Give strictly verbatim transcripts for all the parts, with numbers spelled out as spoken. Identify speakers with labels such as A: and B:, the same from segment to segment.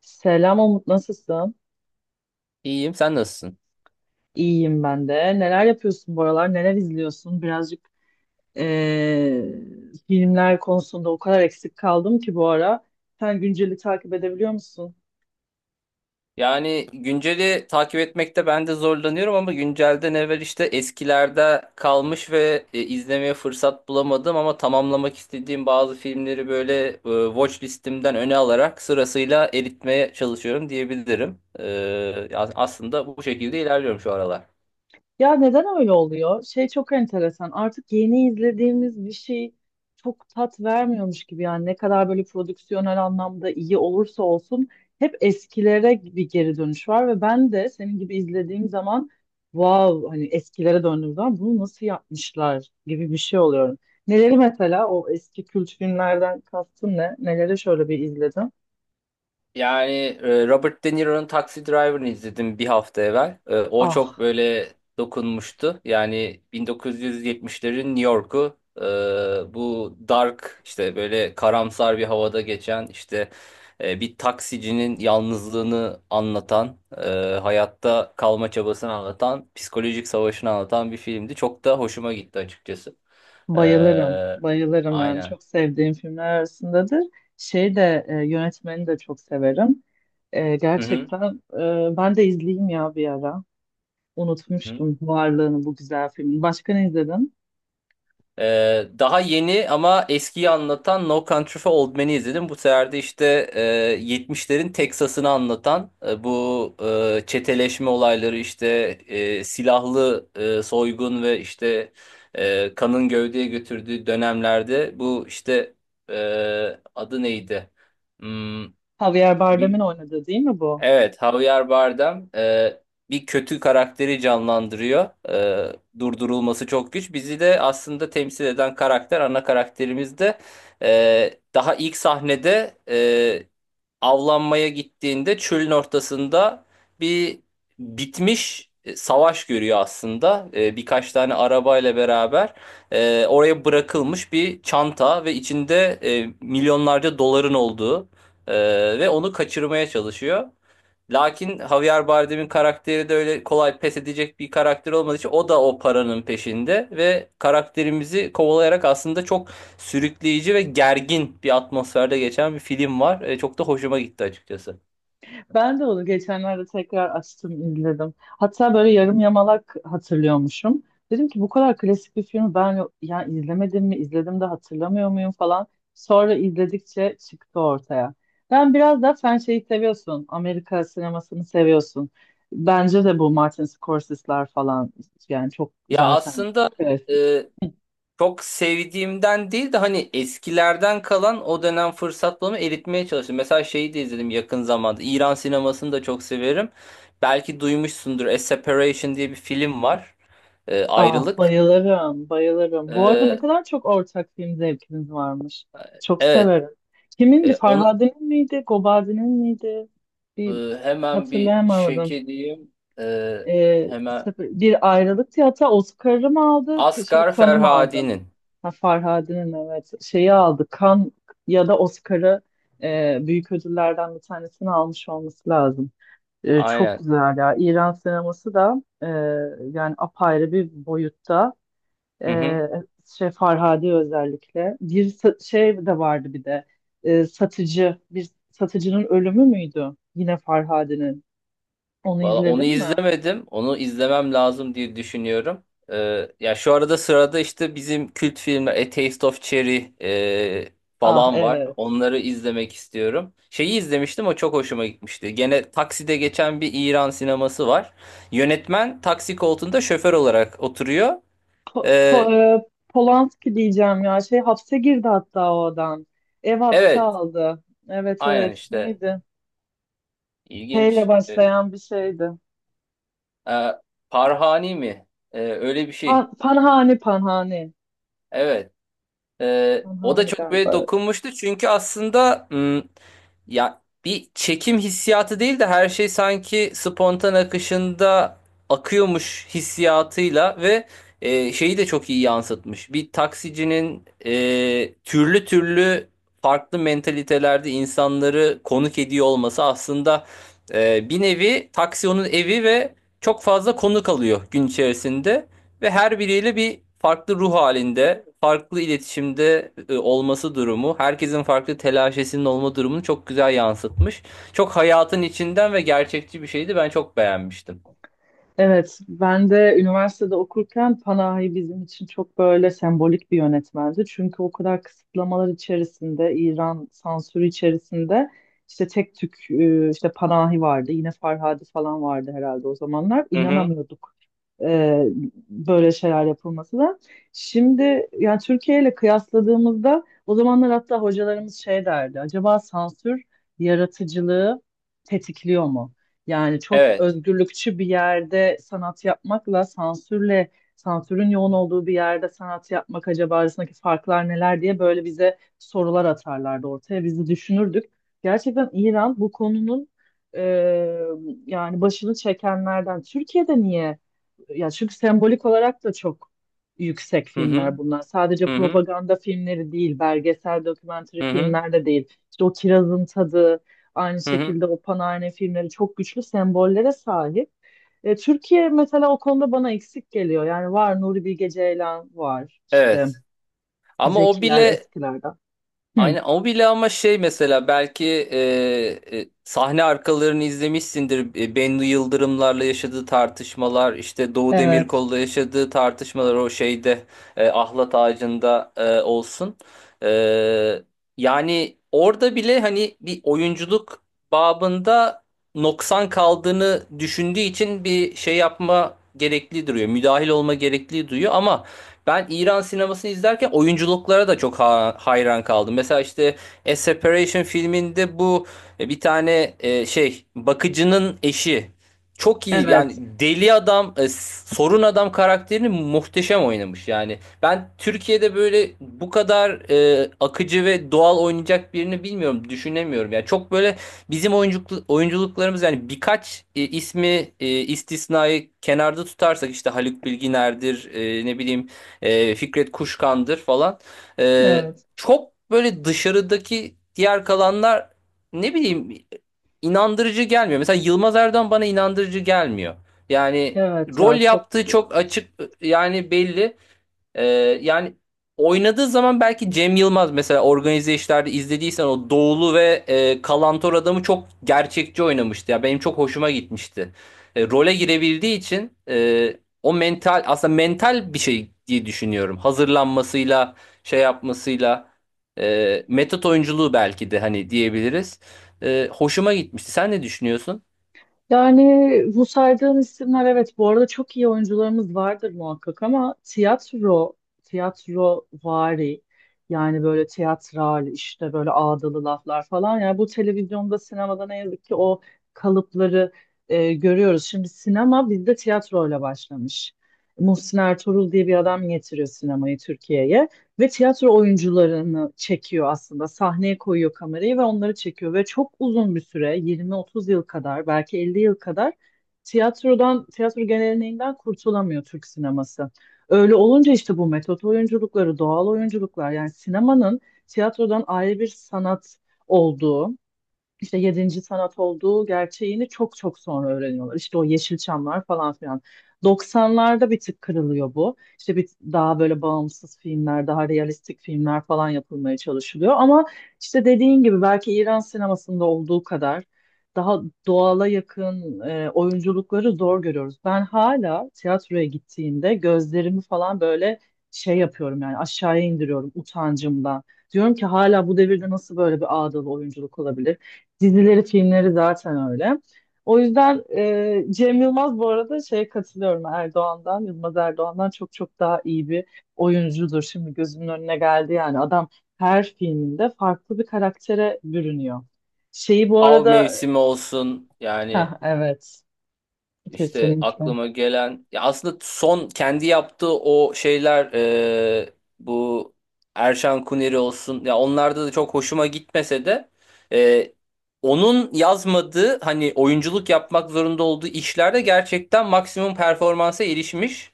A: Selam Umut, nasılsın?
B: İyiyim, sen nasılsın?
A: İyiyim ben de. Neler yapıyorsun bu aralar? Neler izliyorsun? Birazcık eee, filmler konusunda o kadar eksik kaldım ki bu ara. Sen günceli takip edebiliyor musun?
B: Yani günceli takip etmekte ben de zorlanıyorum ama güncelden evvel işte eskilerde kalmış ve e, izlemeye fırsat bulamadım ama tamamlamak istediğim bazı filmleri böyle e, watch listimden öne alarak sırasıyla eritmeye çalışıyorum diyebilirim. E, ya- aslında bu şekilde ilerliyorum şu aralar.
A: Ya neden öyle oluyor? Şey çok enteresan. Artık yeni izlediğimiz bir şey çok tat vermiyormuş gibi yani ne kadar böyle prodüksiyonel anlamda iyi olursa olsun hep eskilere bir geri dönüş var ve ben de senin gibi izlediğim zaman wow, hani eskilere döndüğüm zaman bunu nasıl yapmışlar gibi bir şey oluyorum. Neleri mesela o eski kült filmlerden kastın ne? Neleri şöyle bir izledim?
B: Yani e, Robert De Niro'nun Taxi Driver'ını izledim bir hafta evvel. E, O çok
A: Ah,
B: böyle dokunmuştu. Yani bin dokuz yüz yetmişlerin New York'u, e, bu dark, işte böyle karamsar bir havada geçen, işte e, bir taksicinin yalnızlığını anlatan, e, hayatta kalma çabasını anlatan, psikolojik savaşını anlatan bir filmdi. Çok da hoşuma gitti açıkçası. E,
A: bayılırım, bayılırım yani
B: aynen.
A: çok sevdiğim filmler arasındadır. Şey de e, yönetmeni de çok severim. E,
B: Hı hı.
A: gerçekten e, ben de izleyeyim ya bir ara.
B: Hı hı.
A: Unutmuştum varlığını bu güzel filmin. Başka ne izledin?
B: Ee, daha yeni ama eskiyi anlatan No Country for Old Men'i izledim. Bu sefer de işte e, yetmişlerin Teksas'ını anlatan, e, bu e, çeteleşme olayları, işte e, silahlı e, soygun ve işte e, kanın gövdeye götürdüğü dönemlerde bu, işte e, adı neydi? Hmm,
A: Javier Bardem'in oynadığı değil mi bu?
B: Evet, Javier Bardem e, bir kötü karakteri canlandırıyor. E, durdurulması çok güç. Bizi de aslında temsil eden karakter, ana karakterimiz de e, daha ilk sahnede, e, avlanmaya gittiğinde çölün ortasında bir bitmiş e, savaş görüyor aslında. E, birkaç tane arabayla beraber e, oraya bırakılmış bir çanta ve içinde e, milyonlarca doların olduğu e, ve onu kaçırmaya çalışıyor. Lakin Javier Bardem'in karakteri de öyle kolay pes edecek bir karakter olmadığı için o da o paranın peşinde ve karakterimizi kovalayarak aslında çok sürükleyici ve gergin bir atmosferde geçen bir film var. E, çok da hoşuma gitti açıkçası.
A: Ben de onu geçenlerde tekrar açtım, izledim. Hatta böyle yarım yamalak hatırlıyormuşum. Dedim ki bu kadar klasik bir filmi ben ya izlemedim mi, izledim de hatırlamıyor muyum falan. Sonra izledikçe çıktı ortaya. Ben biraz da sen şeyi seviyorsun, Amerika sinemasını seviyorsun. Bence de bu Martin Scorsese'ler falan yani çok
B: Ya
A: zaten
B: aslında
A: klasik.
B: e, çok sevdiğimden değil de hani eskilerden kalan o dönem fırsat bulma eritmeye çalıştım. Mesela şeyi de izledim yakın zamanda. İran sinemasını da çok severim. Belki duymuşsundur. A Separation diye bir film var. E,
A: Ah,
B: ayrılık.
A: bayılırım, bayılırım. Bu arada ne
B: Ee,
A: kadar çok ortak film zevkiniz varmış.
B: e,
A: Çok
B: evet,
A: severim. Kimindi?
B: e, onu
A: Farhade'nin miydi? Gobazi'nin miydi?
B: e,
A: Bir
B: hemen bir check
A: hatırlayamadım.
B: edeyim. Ee,
A: Ee,
B: hemen
A: sefer- bir ayrılıktı, hatta Oscar'ı mı aldı? Şey,
B: Asgar
A: kanı mı aldı?
B: Ferhadi'nin.
A: Ha, Farhade'nin evet. Şeyi aldı. Kan ya da Oscar'ı, e, büyük ödüllerden bir tanesini almış olması lazım. E, çok
B: Aynen.
A: güzel ya. İran sineması da e, yani apayrı bir boyutta.
B: Hı
A: Ee,
B: hı.
A: şey Farhadi özellikle. Bir sa- şey de vardı bir de. Ee, satıcı. Bir satıcının ölümü müydü? Yine Farhadi'nin. Onu
B: Valla onu
A: izledin mi?
B: izlemedim. Onu izlemem lazım diye düşünüyorum. Ee, ya şu arada sırada işte bizim kült filmler A Taste of Cherry e,
A: Ah
B: falan var.
A: evet.
B: Onları izlemek istiyorum. Şeyi izlemiştim, o çok hoşuma gitmişti. Gene takside geçen bir İran sineması var. Yönetmen taksi koltuğunda şoför olarak oturuyor.
A: Po Po-
B: Ee,
A: e, Polanski diyeceğim ya. Şey hapse girdi hatta o adam. Ev hapse
B: Evet,
A: aldı. Evet,
B: aynen
A: evet.
B: işte
A: Neydi? P ile
B: ilginç. E,
A: başlayan bir şeydi.
B: e, Parhani mi? E, öyle bir şey.
A: Pa- Panhani, Panhani.
B: Evet. Ee, o da
A: Panhani
B: çok böyle
A: galiba.
B: dokunmuştu çünkü aslında, hmm, ya bir çekim hissiyatı değil de her şey sanki spontan akışında akıyormuş hissiyatıyla ve e, şeyi de çok iyi yansıtmış. Bir taksicinin e, türlü türlü farklı mentalitelerde insanları konuk ediyor olması aslında e, bir nevi taksi onun evi ve çok fazla konuk alıyor gün içerisinde. Ve her biriyle bir farklı ruh halinde, farklı iletişimde e, olması durumu, herkesin farklı telaşesinin olma durumunu çok güzel yansıtmış. Çok hayatın içinden ve gerçekçi bir şeydi. Ben çok beğenmiştim.
A: Evet, ben de üniversitede okurken Panahi bizim için çok böyle sembolik bir yönetmendi. Çünkü o kadar kısıtlamalar içerisinde, İran sansürü içerisinde işte tek tük e, işte Panahi vardı. Yine Farhadi falan vardı herhalde o zamanlar.
B: Hı hı.
A: İnanamıyorduk e, böyle şeyler yapılması da. Şimdi yani Türkiye ile kıyasladığımızda o zamanlar hatta hocalarımız şey derdi. Acaba sansür yaratıcılığı tetikliyor mu? Yani çok
B: Evet.
A: özgürlükçü bir yerde sanat yapmakla sansürle sansürün yoğun olduğu bir yerde sanat yapmak acaba arasındaki farklar neler diye böyle bize sorular atarlardı ortaya. Biz de düşünürdük. Gerçekten İran bu konunun e, yani başını çekenlerden. Türkiye'de niye? Ya çünkü sembolik olarak da çok yüksek
B: Hı hı.
A: filmler bunlar. Sadece
B: Hı hı.
A: propaganda filmleri değil, belgesel, dokümantary
B: Hı hı.
A: filmler de değil. İşte o Kirazın Tadı, aynı
B: Hı hı.
A: şekilde o Panarne filmleri çok güçlü sembollere sahip. E, Türkiye mesela o konuda bana eksik geliyor. Yani var, Nuri Bilge Ceylan var, işte
B: Evet. Ama o
A: Zekiler
B: bile
A: eskilerden. Hı.
B: aynen o bile, ama şey, mesela belki e, e, sahne arkalarını izlemişsindir. E, Bennu Yıldırımlarla yaşadığı tartışmalar, işte Doğu
A: Evet,
B: Demirkol'la yaşadığı tartışmalar, o şeyde e, ahlat ağacında e, olsun. E, Yani orada bile hani bir oyunculuk babında noksan kaldığını düşündüğü için bir şey yapma gerekli duruyor. Müdahil olma gerekli duyuyor, ama ben İran sinemasını izlerken oyunculuklara da çok ha- hayran kaldım. Mesela işte A Separation filminde bu e, bir tane, e, şey, bakıcının eşi çok iyi, yani
A: evet,
B: deli adam, e, sorun adam karakterini muhteşem oynamış yani. Ben Türkiye'de böyle bu kadar e, akıcı ve doğal oynayacak birini bilmiyorum, düşünemiyorum. Yani çok böyle bizim oyunculuk, oyunculuklarımız yani birkaç e, ismi, e, istisnayı kenarda tutarsak işte Haluk Bilginer'dir, e, ne bileyim e, Fikret Kuşkan'dır falan. E,
A: evet,
B: Çok böyle dışarıdaki diğer kalanlar, ne bileyim, inandırıcı gelmiyor. Mesela Yılmaz Erdoğan bana inandırıcı gelmiyor. Yani
A: evet
B: rol
A: ya çok.
B: yaptığı çok açık, yani belli. Ee, Yani oynadığı zaman, belki Cem Yılmaz, mesela organize işlerde izlediysen, o Doğulu ve e, Kalantor adamı çok gerçekçi oynamıştı. Ya benim çok hoşuma gitmişti. E, role girebildiği için e, o mental, aslında mental bir şey diye düşünüyorum. Hazırlanmasıyla, şey yapmasıyla, e, metot oyunculuğu belki de hani diyebiliriz. E, hoşuma gitmişti. Sen ne düşünüyorsun?
A: Yani bu saydığın isimler evet, bu arada çok iyi oyuncularımız vardır muhakkak ama tiyatro, tiyatro vari yani böyle tiyatral işte böyle ağdalı laflar falan yani bu televizyonda sinemada ne yazık ki o kalıpları e, görüyoruz. Şimdi sinema bizde tiyatroyla başlamış. Muhsin Ertuğrul diye bir adam getiriyor sinemayı Türkiye'ye. Ve tiyatro oyuncularını çekiyor aslında. Sahneye koyuyor kamerayı ve onları çekiyor. Ve çok uzun bir süre, yirmi otuz yıl kadar, belki elli yıl kadar tiyatrodan, tiyatro geleneğinden kurtulamıyor Türk sineması. Öyle olunca işte bu metot oyunculukları, doğal oyunculuklar yani sinemanın tiyatrodan ayrı bir sanat olduğu, işte yedinci sanat olduğu gerçeğini çok çok sonra öğreniyorlar. İşte o Yeşilçamlar falan filan. doksanlarda bir tık kırılıyor bu. İşte bir daha böyle bağımsız filmler, daha realistik filmler falan yapılmaya çalışılıyor. Ama işte dediğin gibi belki İran sinemasında olduğu kadar daha doğala yakın e, oyunculukları zor görüyoruz. Ben hala tiyatroya gittiğimde gözlerimi falan böyle şey yapıyorum yani aşağıya indiriyorum utancımdan. Diyorum ki hala bu devirde nasıl böyle bir ağdalı oyunculuk olabilir? Dizileri, filmleri zaten öyle. O yüzden e, Cem Yılmaz bu arada şeye katılıyorum, Erdoğan'dan, Yılmaz Erdoğan'dan çok çok daha iyi bir oyuncudur. Şimdi gözümün önüne geldi yani adam her filminde farklı bir karaktere bürünüyor. Şeyi bu
B: Av
A: arada,
B: mevsimi olsun yani,
A: ha evet,
B: İşte
A: kesinlikle.
B: aklıma gelen. Ya aslında son kendi yaptığı o şeyler, e, bu Erşan Kuneri olsun, ya onlarda da çok hoşuma gitmese de e, onun yazmadığı hani oyunculuk yapmak zorunda olduğu işlerde gerçekten maksimum performansa erişmiş.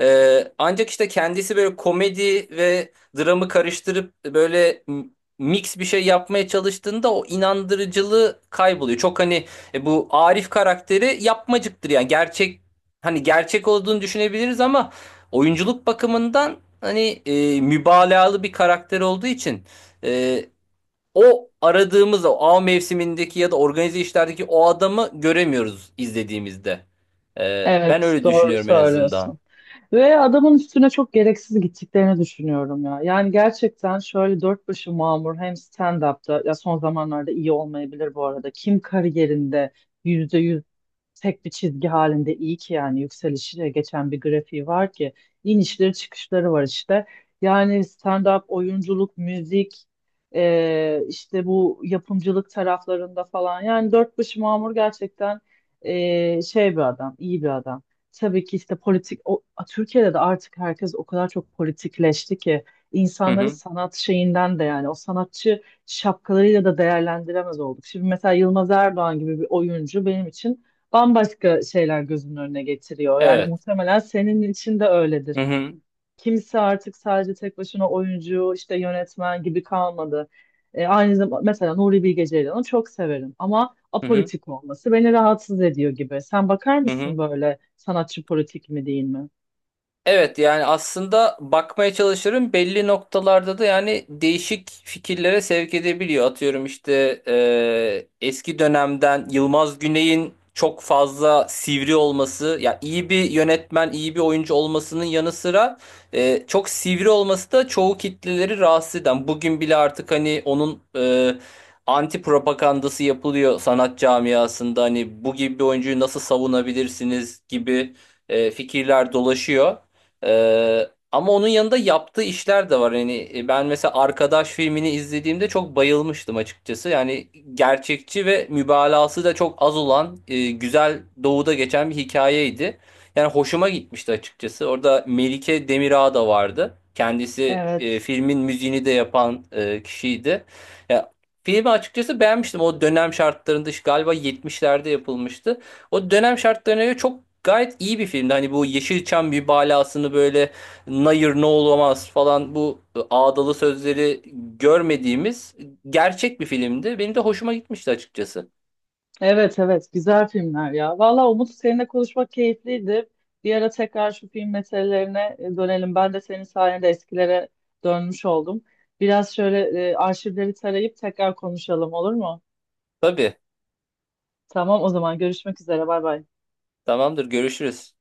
B: E, ancak işte kendisi böyle komedi ve dramı karıştırıp böyle m- mix bir şey yapmaya çalıştığında o inandırıcılığı kayboluyor. Çok hani, e bu Arif karakteri yapmacıktır, yani gerçek, hani gerçek olduğunu düşünebiliriz ama oyunculuk bakımından hani e, mübalağalı bir karakter olduğu için e, o aradığımız o av mevsimindeki ya da organize işlerdeki o adamı göremiyoruz izlediğimizde. E, ben
A: Evet,
B: öyle
A: doğru
B: düşünüyorum en azından.
A: söylüyorsun. Ve adamın üstüne çok gereksiz gittiklerini düşünüyorum ya. Yani gerçekten şöyle dört başı mamur hem stand-up'ta, ya son zamanlarda iyi olmayabilir bu arada. Kim kariyerinde yüzde tek bir çizgi halinde iyi ki yani yükselişiyle geçen bir grafiği var ki inişleri çıkışları var işte. Yani stand-up, oyunculuk, müzik, e, işte bu yapımcılık taraflarında falan yani dört başı mamur gerçekten e, şey bir adam, iyi bir adam. Tabii ki işte politik, o, Türkiye'de de artık herkes o kadar çok politikleşti ki
B: Hı
A: insanları
B: hı.
A: sanat şeyinden de yani o sanatçı şapkalarıyla da değerlendiremez olduk. Şimdi mesela Yılmaz Erdoğan gibi bir oyuncu benim için bambaşka şeyler gözünün önüne getiriyor. Yani
B: Evet.
A: muhtemelen senin için de öyledir.
B: Hı hı.
A: Kimse artık sadece tek başına oyuncu, işte yönetmen gibi kalmadı. E, aynı zamanda mesela Nuri Bilge Ceylan'ı çok severim ama
B: Hı hı.
A: apolitik olması beni rahatsız ediyor gibi. Sen bakar
B: Hı
A: mısın
B: hı.
A: böyle sanatçı politik mi değil mi?
B: Evet, yani aslında bakmaya çalışırım. Belli noktalarda da yani değişik fikirlere sevk edebiliyor. Atıyorum işte e, eski dönemden Yılmaz Güney'in çok fazla sivri olması, ya iyi bir yönetmen, iyi bir oyuncu olmasının yanı sıra e, çok sivri olması da çoğu kitleleri rahatsız eden. Bugün bile artık hani onun e, anti propagandası yapılıyor sanat camiasında. Hani bu gibi bir oyuncuyu nasıl savunabilirsiniz gibi e, fikirler dolaşıyor. Ee, ama onun yanında yaptığı işler de var. Yani e, ben mesela Arkadaş filmini izlediğimde çok bayılmıştım açıkçası. Yani gerçekçi ve mübalağası da çok az olan e, güzel, doğuda geçen bir hikayeydi. Yani hoşuma gitmişti açıkçası. Orada Melike Demirağ da vardı. Kendisi e,
A: Evet.
B: filmin müziğini de yapan e, kişiydi. Ya, filmi açıkçası beğenmiştim. O dönem şartlarında, işte galiba yetmişlerde yapılmıştı. O dönem şartlarına göre çok gayet iyi bir filmdi. Hani bu Yeşilçam bir balasını böyle "nayır ne olamaz" falan, bu ıı, ağdalı sözleri görmediğimiz gerçek bir filmdi. Benim de hoşuma gitmişti açıkçası.
A: Evet, evet, güzel filmler ya. Valla Umut, seninle konuşmak keyifliydi. Bir ara tekrar şu film meselelerine e, dönelim. Ben de senin sayende eskilere dönmüş oldum. Biraz şöyle e, arşivleri tarayıp tekrar konuşalım olur mu?
B: Tabii.
A: Tamam, o zaman görüşmek üzere, bay bay.
B: Tamamdır. Görüşürüz.